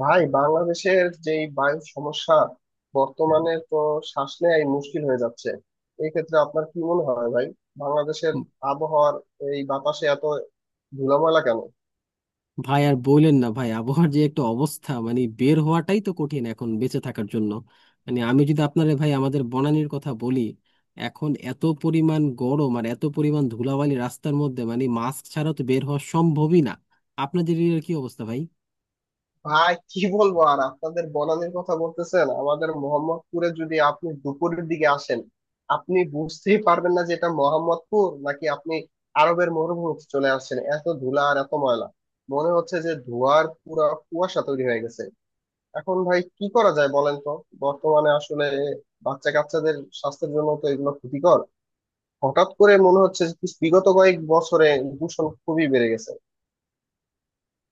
ভাই বাংলাদেশের যে বায়ু সমস্যা বর্তমানে তো শ্বাস নেয়াই মুশকিল হয়ে যাচ্ছে। এই ক্ষেত্রে আপনার কি মনে হয় ভাই, বাংলাদেশের আবহাওয়ার এই বাতাসে এত ধুলোময়লা কেন? ভাই আর বললেন না ভাই, আবহাওয়ার যে একটা অবস্থা, মানে বের হওয়াটাই তো কঠিন এখন বেঁচে থাকার জন্য। মানে আমি যদি আপনারে ভাই আমাদের বনানীর কথা বলি, এখন এত পরিমাণ গরম আর এত পরিমাণ ধুলাবালি রাস্তার মধ্যে, মানে মাস্ক ছাড়া তো বের হওয়া সম্ভবই না। আপনাদের এরিয়ার কি অবস্থা ভাই? ভাই কি বলবো আর, আপনাদের বনানীর কথা বলতেছেন, আমাদের মোহাম্মদপুরে যদি আপনি দুপুরের দিকে আসেন আপনি বুঝতেই পারবেন না যে এটা মোহাম্মদপুর নাকি আপনি আরবের মরুভূমিতে চলে আসছেন। এত ধুলা আর এত ময়লা, মনে হচ্ছে যে ধোঁয়ার পুরা কুয়াশা তৈরি হয়ে গেছে। এখন ভাই কি করা যায় বলেন তো। বর্তমানে আসলে বাচ্চা কাচ্চাদের স্বাস্থ্যের জন্য তো এগুলো ক্ষতিকর। হঠাৎ করে মনে হচ্ছে যে বিগত কয়েক বছরে দূষণ খুবই বেড়ে গেছে।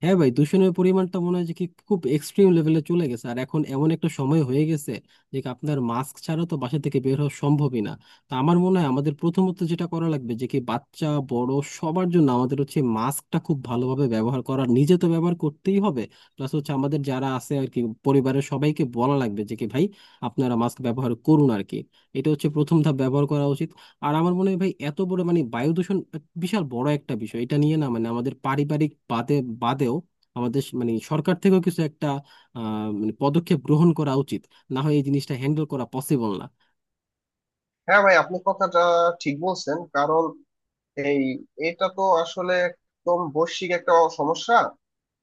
হ্যাঁ ভাই, দূষণের পরিমাণটা মনে হয় যে কি খুব এক্সট্রিম লেভেলে চলে গেছে, আর এখন এমন একটা সময় হয়ে গেছে যে কি আপনার মাস্ক ছাড়া তো বাসা থেকে বের হওয়া সম্ভবই না। তো আমার মনে হয় আমাদের প্রথমত যেটা করা লাগবে যে কি বাচ্চা বড় সবার জন্য আমাদের হচ্ছে মাস্কটা খুব ভালোভাবে ব্যবহার করা, নিজে তো ব্যবহার করতেই হবে। প্লাস হচ্ছে আমাদের যারা আছে আর কি, পরিবারের সবাইকে বলা লাগবে যে কি ভাই আপনারা মাস্ক ব্যবহার করুন আর কি। এটা হচ্ছে প্রথম ধাপ, ব্যবহার করা উচিত। আর আমার মনে হয় ভাই এত বড় মানে বায়ু দূষণ বিশাল বড় একটা বিষয়, এটা নিয়ে না মানে আমাদের পারিবারিক বাদেও আমাদের মানে সরকার থেকেও কিছু একটা মানে পদক্ষেপ গ্রহণ করা উচিত, না হয় এই জিনিসটা হ্যান্ডেল করা পসিবল না। হ্যাঁ ভাই, আপনি কথাটা ঠিক বলছেন। কারণ এই এটা তো আসলে একদম বৈশ্বিক একটা সমস্যা।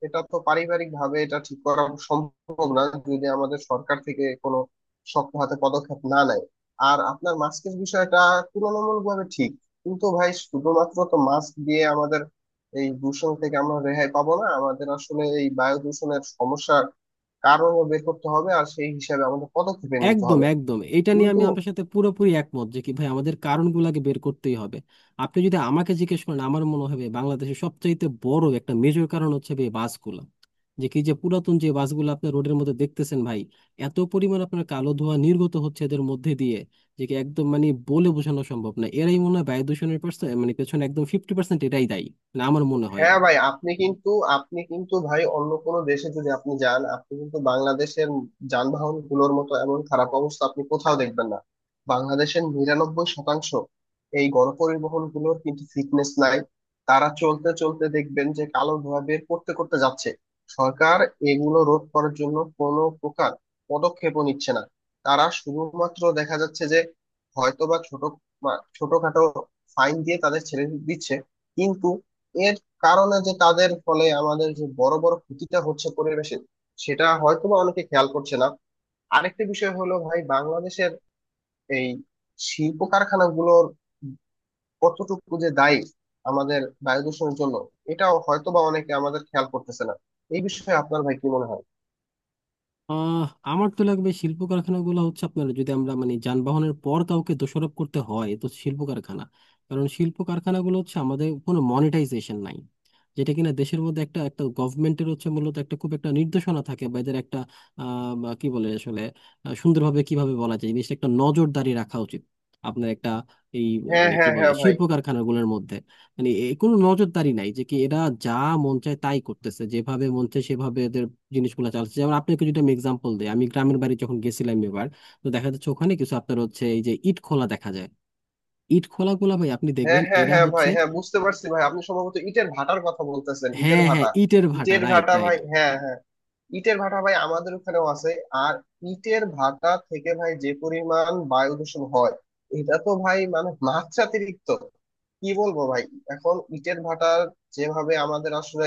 এটা তো পারিবারিক ভাবে এটা ঠিক করা সম্ভব না যদি আমাদের সরকার থেকে কোনো শক্ত হাতে পদক্ষেপ না নেয়। আর আপনার মাস্কের বিষয়টা তুলনামূলক ভাবে ঠিক, কিন্তু ভাই শুধুমাত্র তো মাস্ক দিয়ে আমাদের এই দূষণ থেকে আমরা রেহাই পাবো না। আমাদের আসলে এই বায়ু দূষণের সমস্যার কারণও বের করতে হবে আর সেই হিসাবে আমাদের পদক্ষেপ নিতে একদম হবে। একদম, এটা নিয়ে কিন্তু আমি আপনার সাথে পুরোপুরি একমত যে কি ভাই আমাদের কারণগুলোকে বের করতেই হবে। আপনি যদি আমাকে জিজ্ঞেস করেন, আমার মনে হবে বাংলাদেশের সবচাইতে বড় একটা মেজর কারণ হচ্ছে ভাই বাসগুলো, যে কি যে পুরাতন যে বাসগুলো আপনি রোডের মধ্যে দেখতেছেন ভাই, এত পরিমাণ আপনার কালো ধোঁয়া নির্গত হচ্ছে এদের মধ্যে দিয়ে যে কি একদম মানে বলে বোঝানো সম্ভব না। এরাই মনে হয় বায়ু দূষণের পার্সেন্ট মানে পেছনে একদম 50% এরাই দায়ী, মানে আমার মনে হয় হ্যাঁ এরা। ভাই, আপনি কিন্তু ভাই অন্য কোনো দেশে যদি আপনি যান, আপনি কিন্তু বাংলাদেশের যানবাহন গুলোর মতো এমন খারাপ অবস্থা আপনি কোথাও দেখবেন না। বাংলাদেশের 99% এই গণপরিবহন গুলোর কিন্তু ফিটনেস নাই। তারা চলতে চলতে দেখবেন যে কালো ধোঁয়া বের করতে করতে যাচ্ছে। সরকার এগুলো রোধ করার জন্য কোনো প্রকার পদক্ষেপও নিচ্ছে না। তারা শুধুমাত্র দেখা যাচ্ছে যে হয়তোবা ছোট ছোটখাটো ফাইন দিয়ে তাদের ছেড়ে দিচ্ছে। কিন্তু এর কারণে যে তাদের ফলে আমাদের যে বড় বড় ক্ষতিটা হচ্ছে পরিবেশের, সেটা হয়তোবা অনেকে খেয়াল করছে না। আরেকটা বিষয় হলো ভাই, বাংলাদেশের এই শিল্প কারখানাগুলোর কতটুকু যে দায়ী আমাদের বায়ু দূষণের জন্য এটাও হয়তোবা অনেকে আমাদের খেয়াল করতেছে না। এই বিষয়ে আপনার ভাই কি মনে হয়? আহ আমার তো লাগবে, শিল্প কারখানাগুলো হচ্ছে আপনার, যদি আমরা মানে যানবাহনের পর কাউকে দোষারোপ করতে হয় তো শিল্প কারখানা। কারণ শিল্প কারখানাগুলো হচ্ছে আমাদের কোনো মনিটাইজেশন নাই, যেটা কিনা দেশের মধ্যে একটা একটা গভর্নমেন্টের হচ্ছে মূলত একটা খুব একটা নির্দেশনা থাকে বা এদের একটা বা কি বলে আসলে, সুন্দরভাবে কিভাবে বলা যায়, জিনিসটা একটা নজরদারি রাখা উচিত আপনার একটা এই হ্যাঁ মানে কি হ্যাঁ বলে হ্যাঁ ভাই। শিল্প কারখানাগুলোর মধ্যে মানে কোনো নজরদারি নাই যে কি এরা যা মন চায় তাই করতেছে, যেভাবে মন চায় সেভাবে জিনিসগুলো চালাচ্ছে। যেমন আপনাকে যদি আমি এক্সাম্পল দিই, আমি গ্রামের বাড়ি যখন গেছিলাম এবার, তো দেখা যাচ্ছে ওখানে কিছু আপনার হচ্ছে, এই যে ইট খোলা দেখা যায়, ইট খোলা গুলা ভাই আপনি হ্যাঁ দেখবেন হ্যাঁ এরা হ্যাঁ ভাই, হচ্ছে। হ্যাঁ বুঝতে পারছি ভাই, আপনি সম্ভবত ইটের ভাটার কথা বলতেছেন। ইটের হ্যাঁ হ্যাঁ, ভাটা, ইটের ভাটা, ইটের রাইট ভাটা রাইট। ভাই, হ্যাঁ হ্যাঁ। ইটের ভাটা ভাই আমাদের ওখানেও আছে। আর ইটের ভাটা থেকে ভাই যে পরিমাণ বায়ু দূষণ হয়, এটা তো ভাই মানে মাত্রাতিরিক্ত। কি বলবো ভাই। এখন ইটের ভাটা যেভাবে আমাদের আসলে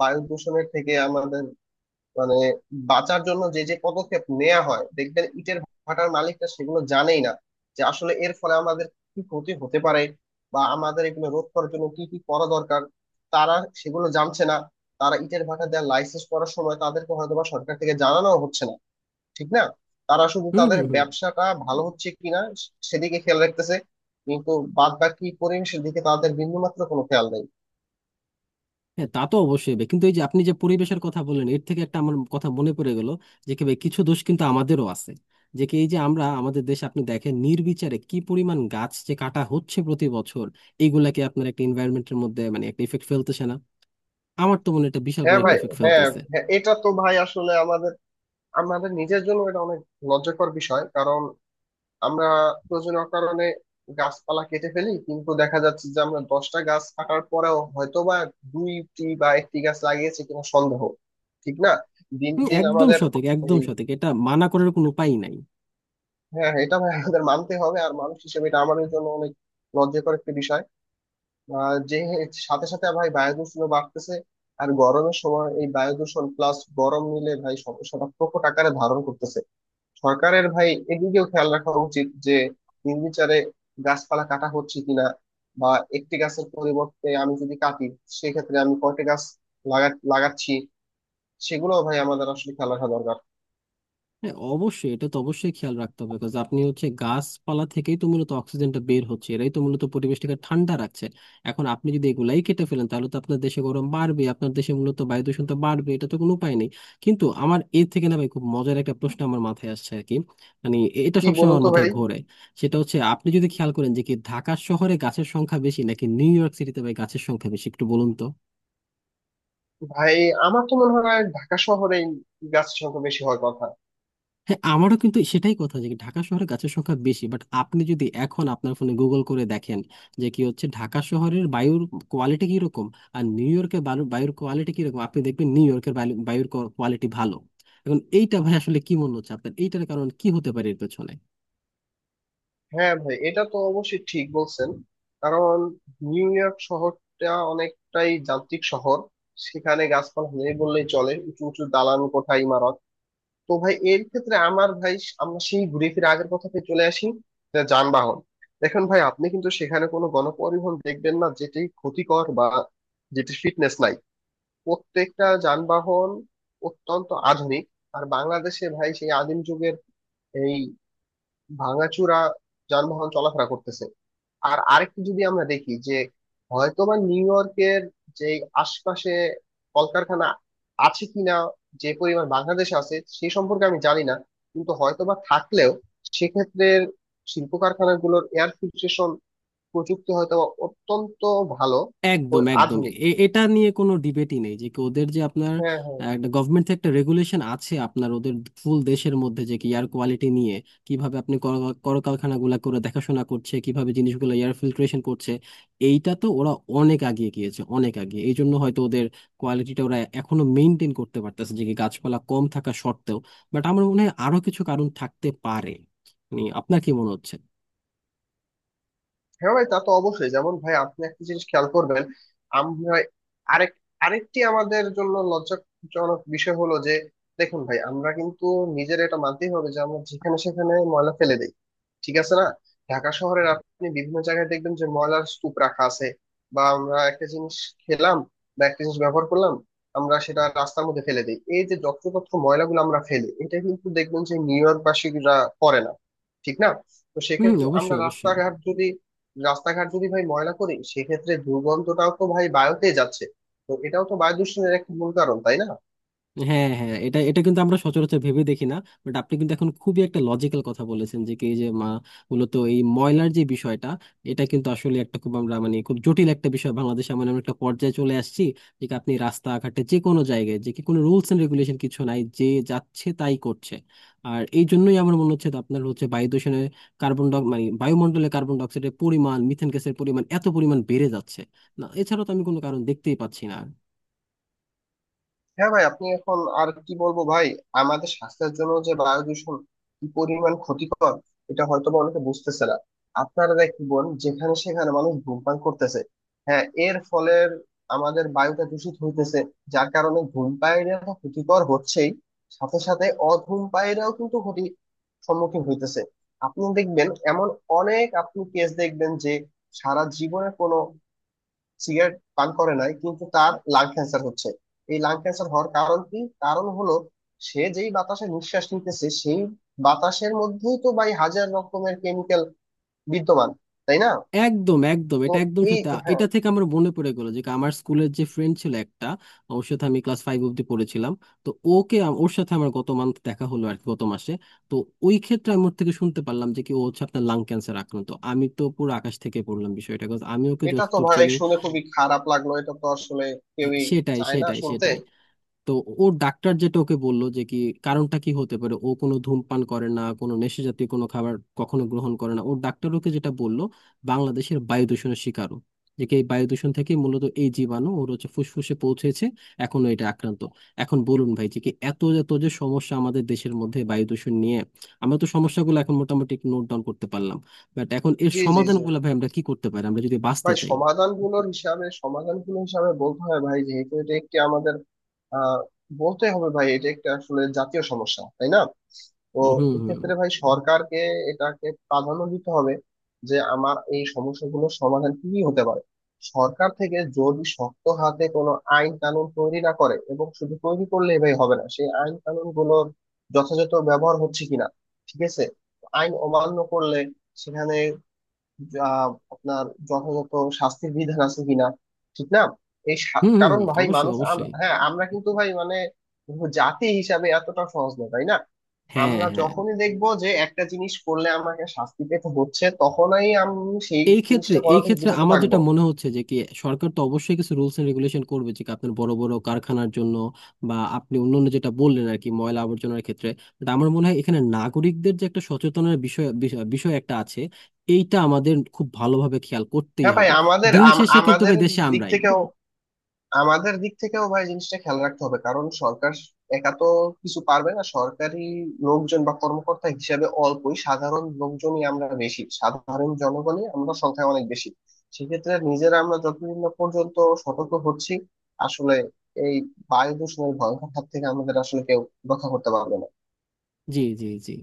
বায়ু দূষণের থেকে আমাদের মানে বাঁচার জন্য যে যে পদক্ষেপ নেওয়া হয়, দেখবেন ইটের ভাটার মালিকরা সেগুলো জানেই না। যে আসলে এর ফলে আমাদের কি ক্ষতি হতে পারে বা আমাদের এগুলো রোধ করার জন্য কি কি করা দরকার, তারা সেগুলো জানছে না। তারা ইটের ভাটা দেওয়ার লাইসেন্স করার সময় তাদেরকে হয়তো বা সরকার থেকে জানানো হচ্ছে না, ঠিক না? তারা শুধু হুম তাদের হুম হুম। ব্যবসাটা ভালো হচ্ছে কিনা সেদিকে খেয়াল রাখতেছে, কিন্তু বাদ বাকি পরিবেশের দিকে তাদের বিন্দুমাত্র কোনো খেয়াল নেই। হ্যাঁ তা তো অবশ্যই হবে। কিন্তু এই যে আপনি যে পরিবেশের কথা বললেন, এর থেকে একটা আমার কথা মনে পড়ে গেল যে কি ভাই কিছু দোষ কিন্তু আমাদেরও আছে। যে কি এই যে আমরা আমাদের দেশে আপনি দেখেন নির্বিচারে কি পরিমাণ গাছ যে কাটা হচ্ছে প্রতি বছর, এগুলাকে আপনার একটা এনভায়রনমেন্টের মধ্যে মানে একটা ইফেক্ট ফেলতেছে না? আমার তো মনে হয় এটা বিশাল বড় হ্যাঁ একটা ভাই, ইফেক্ট হ্যাঁ ফেলতেছে। হ্যাঁ, এটা তো ভাই আসলে আমাদের আমাদের নিজের জন্য এটা অনেক লজ্জাকর বিষয়। কারণ আমরা প্রয়োজনীয় কারণে গাছপালা কেটে ফেলি, কিন্তু দেখা যাচ্ছে যে আমরা 10টা গাছ কাটার পরেও হয়তোবা দুইটি বা একটি গাছ লাগিয়েছি কিনা সন্দেহ। ঠিক না? দিন হুম, দিন একদম আমাদের সঠিক একদম এই সঠিক, এটা মানা করার কোনো উপায় নাই। হ্যাঁ এটা ভাই আমাদের মানতে হবে, আর মানুষ হিসেবে এটা আমাদের জন্য অনেক লজ্জাকর একটা বিষয়। যে সাথে সাথে ভাই বায়ু দূষণ বাড়তেছে, আর গরমের সময় এই বায়ু দূষণ প্লাস গরম মিলে ভাই সমস্যাটা প্রকট আকারে ধারণ করতেছে। সরকারের ভাই এদিকেও খেয়াল রাখা উচিত যে নির্বিচারে গাছপালা কাটা হচ্ছে কিনা, বা একটি গাছের পরিবর্তে আমি যদি কাটি সেক্ষেত্রে আমি কয়টা গাছ লাগাচ্ছি, সেগুলো ভাই আমাদের আসলে খেয়াল রাখা দরকার। হ্যাঁ অবশ্যই, এটা তো অবশ্যই খেয়াল রাখতে হবে, বিকজ আপনি হচ্ছে গাছপালা থেকেই তো মূলত অক্সিজেনটা বের হচ্ছে, এরাই তো মূলত পরিবেশটাকে ঠান্ডা রাখছে। এখন আপনি যদি এগুলাই কেটে ফেলেন তাহলে তো আপনার দেশে গরম বাড়বে, আপনার দেশে মূলত বায়ু দূষণ তো বাড়বে, এটা তো কোনো উপায় নেই। কিন্তু আমার এর থেকে না ভাই খুব মজার একটা প্রশ্ন আমার মাথায় আসছে আর কি, মানে এটা কি সবসময় বলুন আমার তো মাথায় ভাই। ঘোরে। সেটা হচ্ছে আপনি যদি খেয়াল করেন যে কি ঢাকা শহরে গাছের সংখ্যা বেশি নাকি নিউ ইয়র্ক সিটিতে ভাই গাছের সংখ্যা বেশি, একটু বলুন তো? ভাই, আমার তো মনে হয় ঢাকা শহরে গাছ সংখ্যা বেশি হওয়ার কথা। হ্যাঁ আমারও কিন্তু সেটাই কথা যে ঢাকা শহরে গাছের সংখ্যা বেশি, বাট আপনি যদি এখন আপনার ফোনে গুগল করে দেখেন যে কি হচ্ছে ঢাকা শহরের বায়ুর কোয়ালিটি কিরকম আর নিউ ইয়র্কের বায়ুর কোয়ালিটি কিরকম, আপনি দেখবেন নিউ ইয়র্কের বায়ুর কোয়ালিটি ভালো। এখন এইটা ভাই আসলে কি মনে হচ্ছে আপনার, এইটার কারণ কি হতে পারে এর পেছনে? হ্যাঁ ভাই, এটা তো অবশ্যই ঠিক বলছেন। কারণ নিউ ইয়র্ক শহরটা অনেকটাই যান্ত্রিক শহর, সেখানে গাছপালা নেই বললেই চলে, উঁচু উঁচু দালান কোঠা ইমারত। তো ভাই এর ক্ষেত্রে আমার ভাই আমরা সেই ঘুরে ফিরে আগের কথাতে চলে আসি, যে যানবাহন। দেখেন ভাই আপনি কিন্তু সেখানে কোনো গণপরিবহন দেখবেন না যেটি ক্ষতিকর বা যেটি ফিটনেস নাই। প্রত্যেকটা যানবাহন অত্যন্ত আধুনিক। আর বাংলাদেশে ভাই সেই আদিম যুগের এই ভাঙাচুরা যানবাহন চলাফেরা করতেছে। আর আরেকটু যদি আমরা দেখি যে হয়তোবা নিউ ইয়র্কের যে আশপাশে কলকারখানা আছে কিনা, যে পরিমাণ বাংলাদেশে আছে সেই সম্পর্কে আমি জানি না। কিন্তু হয়তোবা থাকলেও সেক্ষেত্রে শিল্প কারখানাগুলোর এয়ার ফিল্ট্রেশন প্রযুক্তি হয়তোবা অত্যন্ত ভালো ও একদম একদম। আধুনিক। এটা নিয়ে কোনো ডিবেটই নেই যে কি ওদের যে আপনার হ্যাঁ হ্যাঁ। একটা গভর্নমেন্ট থেকে একটা রেগুলেশন আছে আপনার ওদের ফুল দেশের মধ্যে যে কি এয়ার কোয়ালিটি নিয়ে কিভাবে আপনি কলকারখানাগুলা করে দেখাশোনা করছে, কিভাবে জিনিসগুলো এয়ার ফিল্ট্রেশন করছে। এইটা তো ওরা অনেক আগিয়ে গিয়েছে অনেক আগে, এই জন্য হয়তো ওদের কোয়ালিটিটা ওরা এখনো মেনটেন করতে পারতেছে যে কি গাছপালা কম থাকা সত্ত্বেও। বাট আমার মনে হয় আরো কিছু কারণ থাকতে পারে, মানে আপনার কি মনে হচ্ছে? হ্যাঁ ভাই তা তো অবশ্যই, যেমন ভাই আপনি একটা জিনিস খেয়াল করবেন। আমরা আরেক আরেকটি আমাদের জন্য লজ্জাজনক বিষয় হলো যে দেখুন ভাই, আমরা কিন্তু নিজের এটা মানতেই হবে যে আমরা যেখানে সেখানে ময়লা ফেলে দিই, ঠিক আছে না? ঢাকা শহরের আপনি বিভিন্ন জায়গায় দেখবেন যে ময়লার স্তূপ রাখা আছে। বা আমরা একটা জিনিস খেলাম বা একটা জিনিস ব্যবহার করলাম, আমরা সেটা রাস্তার মধ্যে ফেলে দিই। এই যে যত্রতত্র ময়লাগুলো আমরা ফেলি, এটা কিন্তু দেখবেন যে নিউ ইয়র্ক বাসীরা করে না, ঠিক না? তো হুম সেক্ষেত্রে আমরা অবশ্যই অবশ্যই। রাস্তাঘাট যদি ভাই ময়লা করি, সেক্ষেত্রে দুর্গন্ধটাও তো ভাই বায়ুতে যাচ্ছে। তো এটাও তো বায়ু দূষণের একটা মূল কারণ, তাই না? হ্যাঁ হ্যাঁ, এটা এটা কিন্তু আমরা সচরাচর ভেবে দেখি না। বাট আপনি কিন্তু এখন খুবই একটা লজিক্যাল কথা বলেছেন যে কি এই যে মূলত এই ময়লার যে বিষয়টা, এটা কিন্তু আসলে একটা খুব আমরা মানে খুব জটিল একটা বিষয়। বাংলাদেশে এমন এমন একটা পর্যায়ে চলে আসছি যে কি আপনি রাস্তাঘাটে যে কোনো জায়গায় যে কি কোনো রুলস এন্ড রেগুলেশন কিছু নাই, যে যাচ্ছে তাই করছে। আর এই জন্যই আমার মনে হচ্ছে আপনার হচ্ছে বায়ু দূষণের কার্বন ডাই মানে বায়ুমণ্ডলে কার্বন ডাইঅক্সাইডের পরিমাণ, মিথেন গ্যাসের পরিমাণ এত পরিমাণ বেড়ে যাচ্ছে, না এছাড়া তো আমি কোনো কারণ দেখতেই পাচ্ছি না। হ্যাঁ ভাই, আপনি এখন আর কি বলবো ভাই। আমাদের স্বাস্থ্যের জন্য যে বায়ু দূষণ কি পরিমাণ ক্ষতিকর এটা হয়তো বা অনেকে বুঝতেছে না। আপনারা দেখবেন যেখানে সেখানে মানুষ ধূমপান করতেছে, হ্যাঁ এর ফলে আমাদের বায়ুটা দূষিত হইতেছে। যার কারণে ধূমপায়ীরা তো ক্ষতিকর হচ্ছেই, সাথে সাথে অধূমপায়ীরাও কিন্তু ক্ষতি সম্মুখীন হইতেছে। আপনি দেখবেন এমন অনেক আপনি কেস দেখবেন যে সারা জীবনে কোনো সিগারেট পান করে নাই, কিন্তু তার লাং ক্যান্সার হচ্ছে। এই লাং ক্যান্সার হওয়ার কারণ কি? কারণ হলো সে যেই বাতাসে নিঃশ্বাস নিতেছে, সেই বাতাসের মধ্যেই তো ভাই হাজার রকমের কেমিক্যাল বিদ্যমান, তাই না? একদম একদম, তো এটা একদম এই সত্যি। হ্যাঁ এটা থেকে আমার মনে পড়ে গেল যে আমার স্কুলের যে ফ্রেন্ড ছিল একটা, ওর সাথে আমি ক্লাস 5 অব্দি পড়েছিলাম। তো ওর সাথে আমার গত মান্থ দেখা হলো আর কি, গত মাসে। তো ওই ক্ষেত্রে আমি ওর থেকে শুনতে পারলাম যে কি ও হচ্ছে আপনার লাং ক্যান্সার আক্রান্ত। আমি তো পুরো আকাশ থেকে পড়লাম বিষয়টা, 'cause আমি ওকে এটা তো যতদূর ভাই চিনি। শুনে খুবই খারাপ লাগলো। এটা তো আসলে হ্যাঁ, কেউই সেটাই চায় না সেটাই শুনতে। সেটাই। তো ওর ডাক্তার যেটা ওকে বললো যে কি কারণটা কি হতে পারে, ও কোনো ধূমপান করে না, কোনো নেশাজাতীয় কোনো খাবার কখনো গ্রহণ করে না। ওর ডাক্তার ওকে যেটা বললো, বাংলাদেশের বায়ু দূষণের শিকারও, যে কি এই বায়ু দূষণ থেকে মূলত এই জীবাণু ওর হচ্ছে ফুসফুসে পৌঁছেছে, এখনো এটা আক্রান্ত। এখন বলুন ভাই যে কি এত এত যে সমস্যা আমাদের দেশের মধ্যে বায়ু দূষণ নিয়ে, আমরা তো সমস্যাগুলো এখন মোটামুটি নোট ডাউন করতে পারলাম, বাট এখন এর জি জি জি সমাধানগুলো ভাই আমরা কি করতে পারি আমরা যদি বাঁচতে ভাই, চাই? সমাধানগুলো হিসাবে বলতে হয় ভাই, যেহেতু এটা একটি আমাদের আহ বলতে হবে ভাই এটা একটা আসলে জাতীয় সমস্যা, তাই না? তো হুম হুম হুম। এক্ষেত্রে ভাই সরকারকে এটাকে প্রাধান্য দিতে হবে যে আমার এই সমস্যাগুলোর সমাধান কি কি হতে পারে। সরকার থেকে যদি শক্ত হাতে কোনো আইন কানুন তৈরি না করে, এবং শুধু তৈরি করলে ভাই হবে না, সেই আইন কানুন গুলোর যথাযথ ব্যবহার হচ্ছে কিনা, ঠিক আছে? আইন অমান্য করলে সেখানে আহ, আপনার যথাযথ শাস্তির বিধান আছে কিনা, ঠিক না? এই হুম হুম, কারণ ভাই অবশ্যই মানুষ অবশ্যই। হ্যাঁ আমরা কিন্তু ভাই মানে জাতি হিসাবে এতটা সহজ না, তাই না? হ্যাঁ আমরা হ্যাঁ। যখনই দেখবো যে একটা জিনিস করলে আমাকে শাস্তি পেতে হচ্ছে, তখনই আমি সেই এই ক্ষেত্রে জিনিসটা করা এই থেকে ক্ষেত্রে বিরত আমার যেটা থাকবো। মনে হচ্ছে যে কি সরকার তো অবশ্যই কিছু রুলস এন্ড রেগুলেশন করবে যে কি আপনার বড় বড় কারখানার জন্য বা আপনি অন্যান্য যেটা বললেন আর কি ময়লা আবর্জনার ক্ষেত্রে। বাট আমার মনে হয় এখানে নাগরিকদের যে একটা সচেতনের বিষয় বিষয় বিষয় একটা আছে, এইটা আমাদের খুব ভালোভাবে খেয়াল করতেই হ্যাঁ ভাই হবে। আমাদের দিন শেষে কিন্তু আমাদের ভাই দেশে দিক আমরাই। থেকেও, আমাদের দিক থেকেও ভাই জিনিসটা খেয়াল রাখতে হবে। কারণ সরকার একা তো কিছু পারবে না, সরকারি লোকজন বা কর্মকর্তা হিসেবে অল্পই, সাধারণ লোকজনই আমরা বেশি, সাধারণ জনগণই আমরা সংখ্যায় অনেক বেশি। সেক্ষেত্রে নিজেরা আমরা যতদিন না পর্যন্ত সতর্ক হচ্ছি, আসলে এই বায়ু দূষণের ভয়ঙ্কর হাত থেকে আমাদের আসলে কেউ রক্ষা করতে পারবে না। জি জি জি।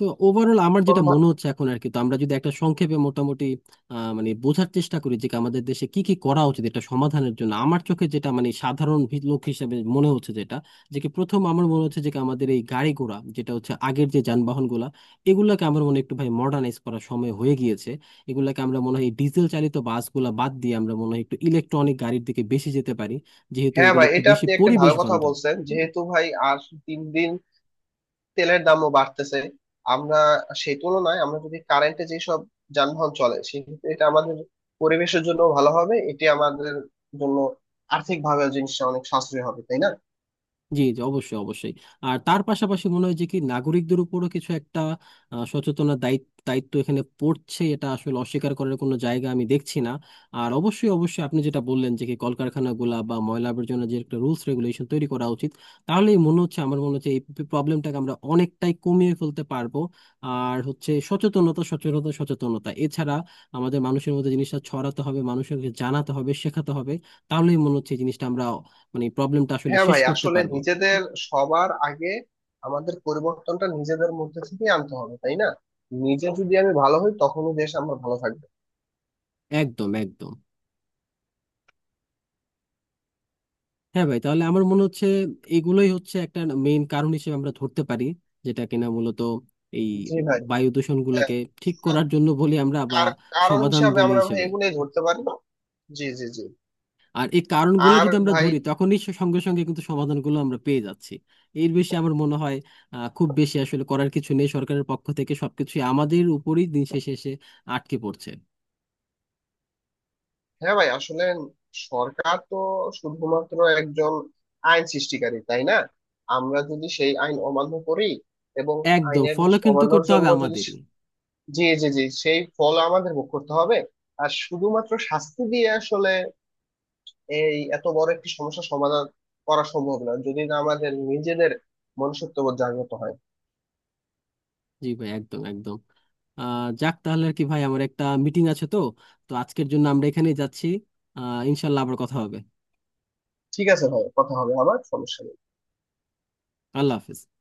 তো ওভারঅল আমার এখন যেটা মনে হচ্ছে এখন আর কি, তো আমরা যদি একটা সংক্ষেপে মোটামুটি মানে বোঝার চেষ্টা করি যে কি আমাদের দেশে কি কি করা উচিত এটা সমাধানের জন্য, আমার চোখে যেটা মানে সাধারণ লোক হিসেবে মনে হচ্ছে যেটা, যে কি প্রথম আমার মনে হচ্ছে যে কি আমাদের এই গাড়ি ঘোড়া যেটা হচ্ছে আগের যে যানবাহন গুলা, এগুলাকে আমার মনে হয় একটু ভাই মডার্নাইজ করার সময় হয়ে গিয়েছে। এগুলাকে আমরা মনে হয় ডিজেল চালিত বাসগুলা বাদ দিয়ে আমরা মনে হয় একটু ইলেকট্রনিক গাড়ির দিকে বেশি যেতে পারি, যেহেতু হ্যাঁ এগুলো ভাই একটু এটা বেশি আপনি একটা ভালো পরিবেশ কথা বান্ধব। বলছেন, যেহেতু ভাই আর তিন দিন তেলের দামও বাড়তেছে, আমরা সেই তুলনায় আমরা যদি কারেন্টে যেসব যানবাহন চলে, সেক্ষেত্রে এটা আমাদের পরিবেশের জন্য ভালো হবে, এটি আমাদের জন্য আর্থিক ভাবে জিনিসটা অনেক সাশ্রয় হবে, তাই না? জি জি অবশ্যই অবশ্যই। আর তার পাশাপাশি মনে হয় যে কি নাগরিকদের উপরও কিছু একটা সচেতনতার দায়িত্ব দায়িত্ব এখানে পড়ছে, এটা আসলে অস্বীকার করার কোনো জায়গা আমি দেখছি না। আর অবশ্যই অবশ্যই আপনি যেটা বললেন যে কি কলকারখানাগুলা বা ময়লা আবর্জনা, যে একটা রুলস রেগুলেশন তৈরি করা উচিত, তাহলেই মনে হচ্ছে আমার মনে হচ্ছে এই প্রবলেমটাকে আমরা অনেকটাই কমিয়ে ফেলতে পারবো। আর হচ্ছে সচেতনতা সচেতনতা সচেতনতা, এছাড়া আমাদের মানুষের মধ্যে জিনিসটা ছড়াতে হবে, মানুষকে জানাতে হবে, শেখাতে হবে। তাহলেই মনে হচ্ছে এই জিনিসটা আমরা মানে প্রবলেমটা আসলে হ্যাঁ শেষ ভাই করতে আসলে পারবো। নিজেদের সবার আগে আমাদের পরিবর্তনটা নিজেদের মধ্যে থেকে আনতে হবে, তাই না? নিজে যদি আমি ভালো হই তখনই দেশ আমার ভালো থাকবে। একদম একদম। হ্যাঁ ভাই, তাহলে আমার মনে হচ্ছে এগুলোই হচ্ছে একটা মেইন কারণ হিসেবে আমরা ধরতে পারি, যেটা কিনা মূলত এই জি ভাই। বায়ু দূষণ হ্যাঁ গুলাকে ঠিক আমরা করার জন্য বলি আমরা বা কারণ সমাধান হিসাবে বলি আমরা ভাই হিসেবে। এগুলোই ধরতে পারি। জি জি জি। আর এই কারণগুলো আর যদি আমরা ভাই, ধরি তখনই সঙ্গে সঙ্গে কিন্তু সমাধানগুলো আমরা পেয়ে যাচ্ছি। এর বেশি আমার মনে হয় খুব বেশি আসলে করার কিছু নেই, সরকারের পক্ষ থেকে সবকিছুই আমাদের উপরই দিন শেষে এসে আটকে পড়ছে। হ্যাঁ ভাই আসলে সরকার তো শুধুমাত্র একজন আইন সৃষ্টিকারী, তাই না? আমরা যদি সেই আইন অমান্য করি এবং একদম আইনের ফলো কিন্তু অমান্যর করতে হবে জন্য যদি, আমাদেরই। জি জি জি, সেই ফল আমাদের ভোগ করতে হবে। আর শুধুমাত্র শাস্তি দিয়ে আসলে এই এত বড় একটি সমস্যা সমাধান করা সম্ভব না, যদি না আমাদের নিজেদের মনুষ্যত্ববোধ জাগ্রত হয়। জি ভাই একদম একদম। যাক, তাহলে আর কি ভাই আমার একটা মিটিং আছে তো, তো আজকের জন্য আমরা এখানেই যাচ্ছি। ইনশাল্লাহ আবার কথা হবে। ঠিক আছে ভাই, কথা হবে আবার, সমস্যা নেই। আল্লাহ হাফিজ।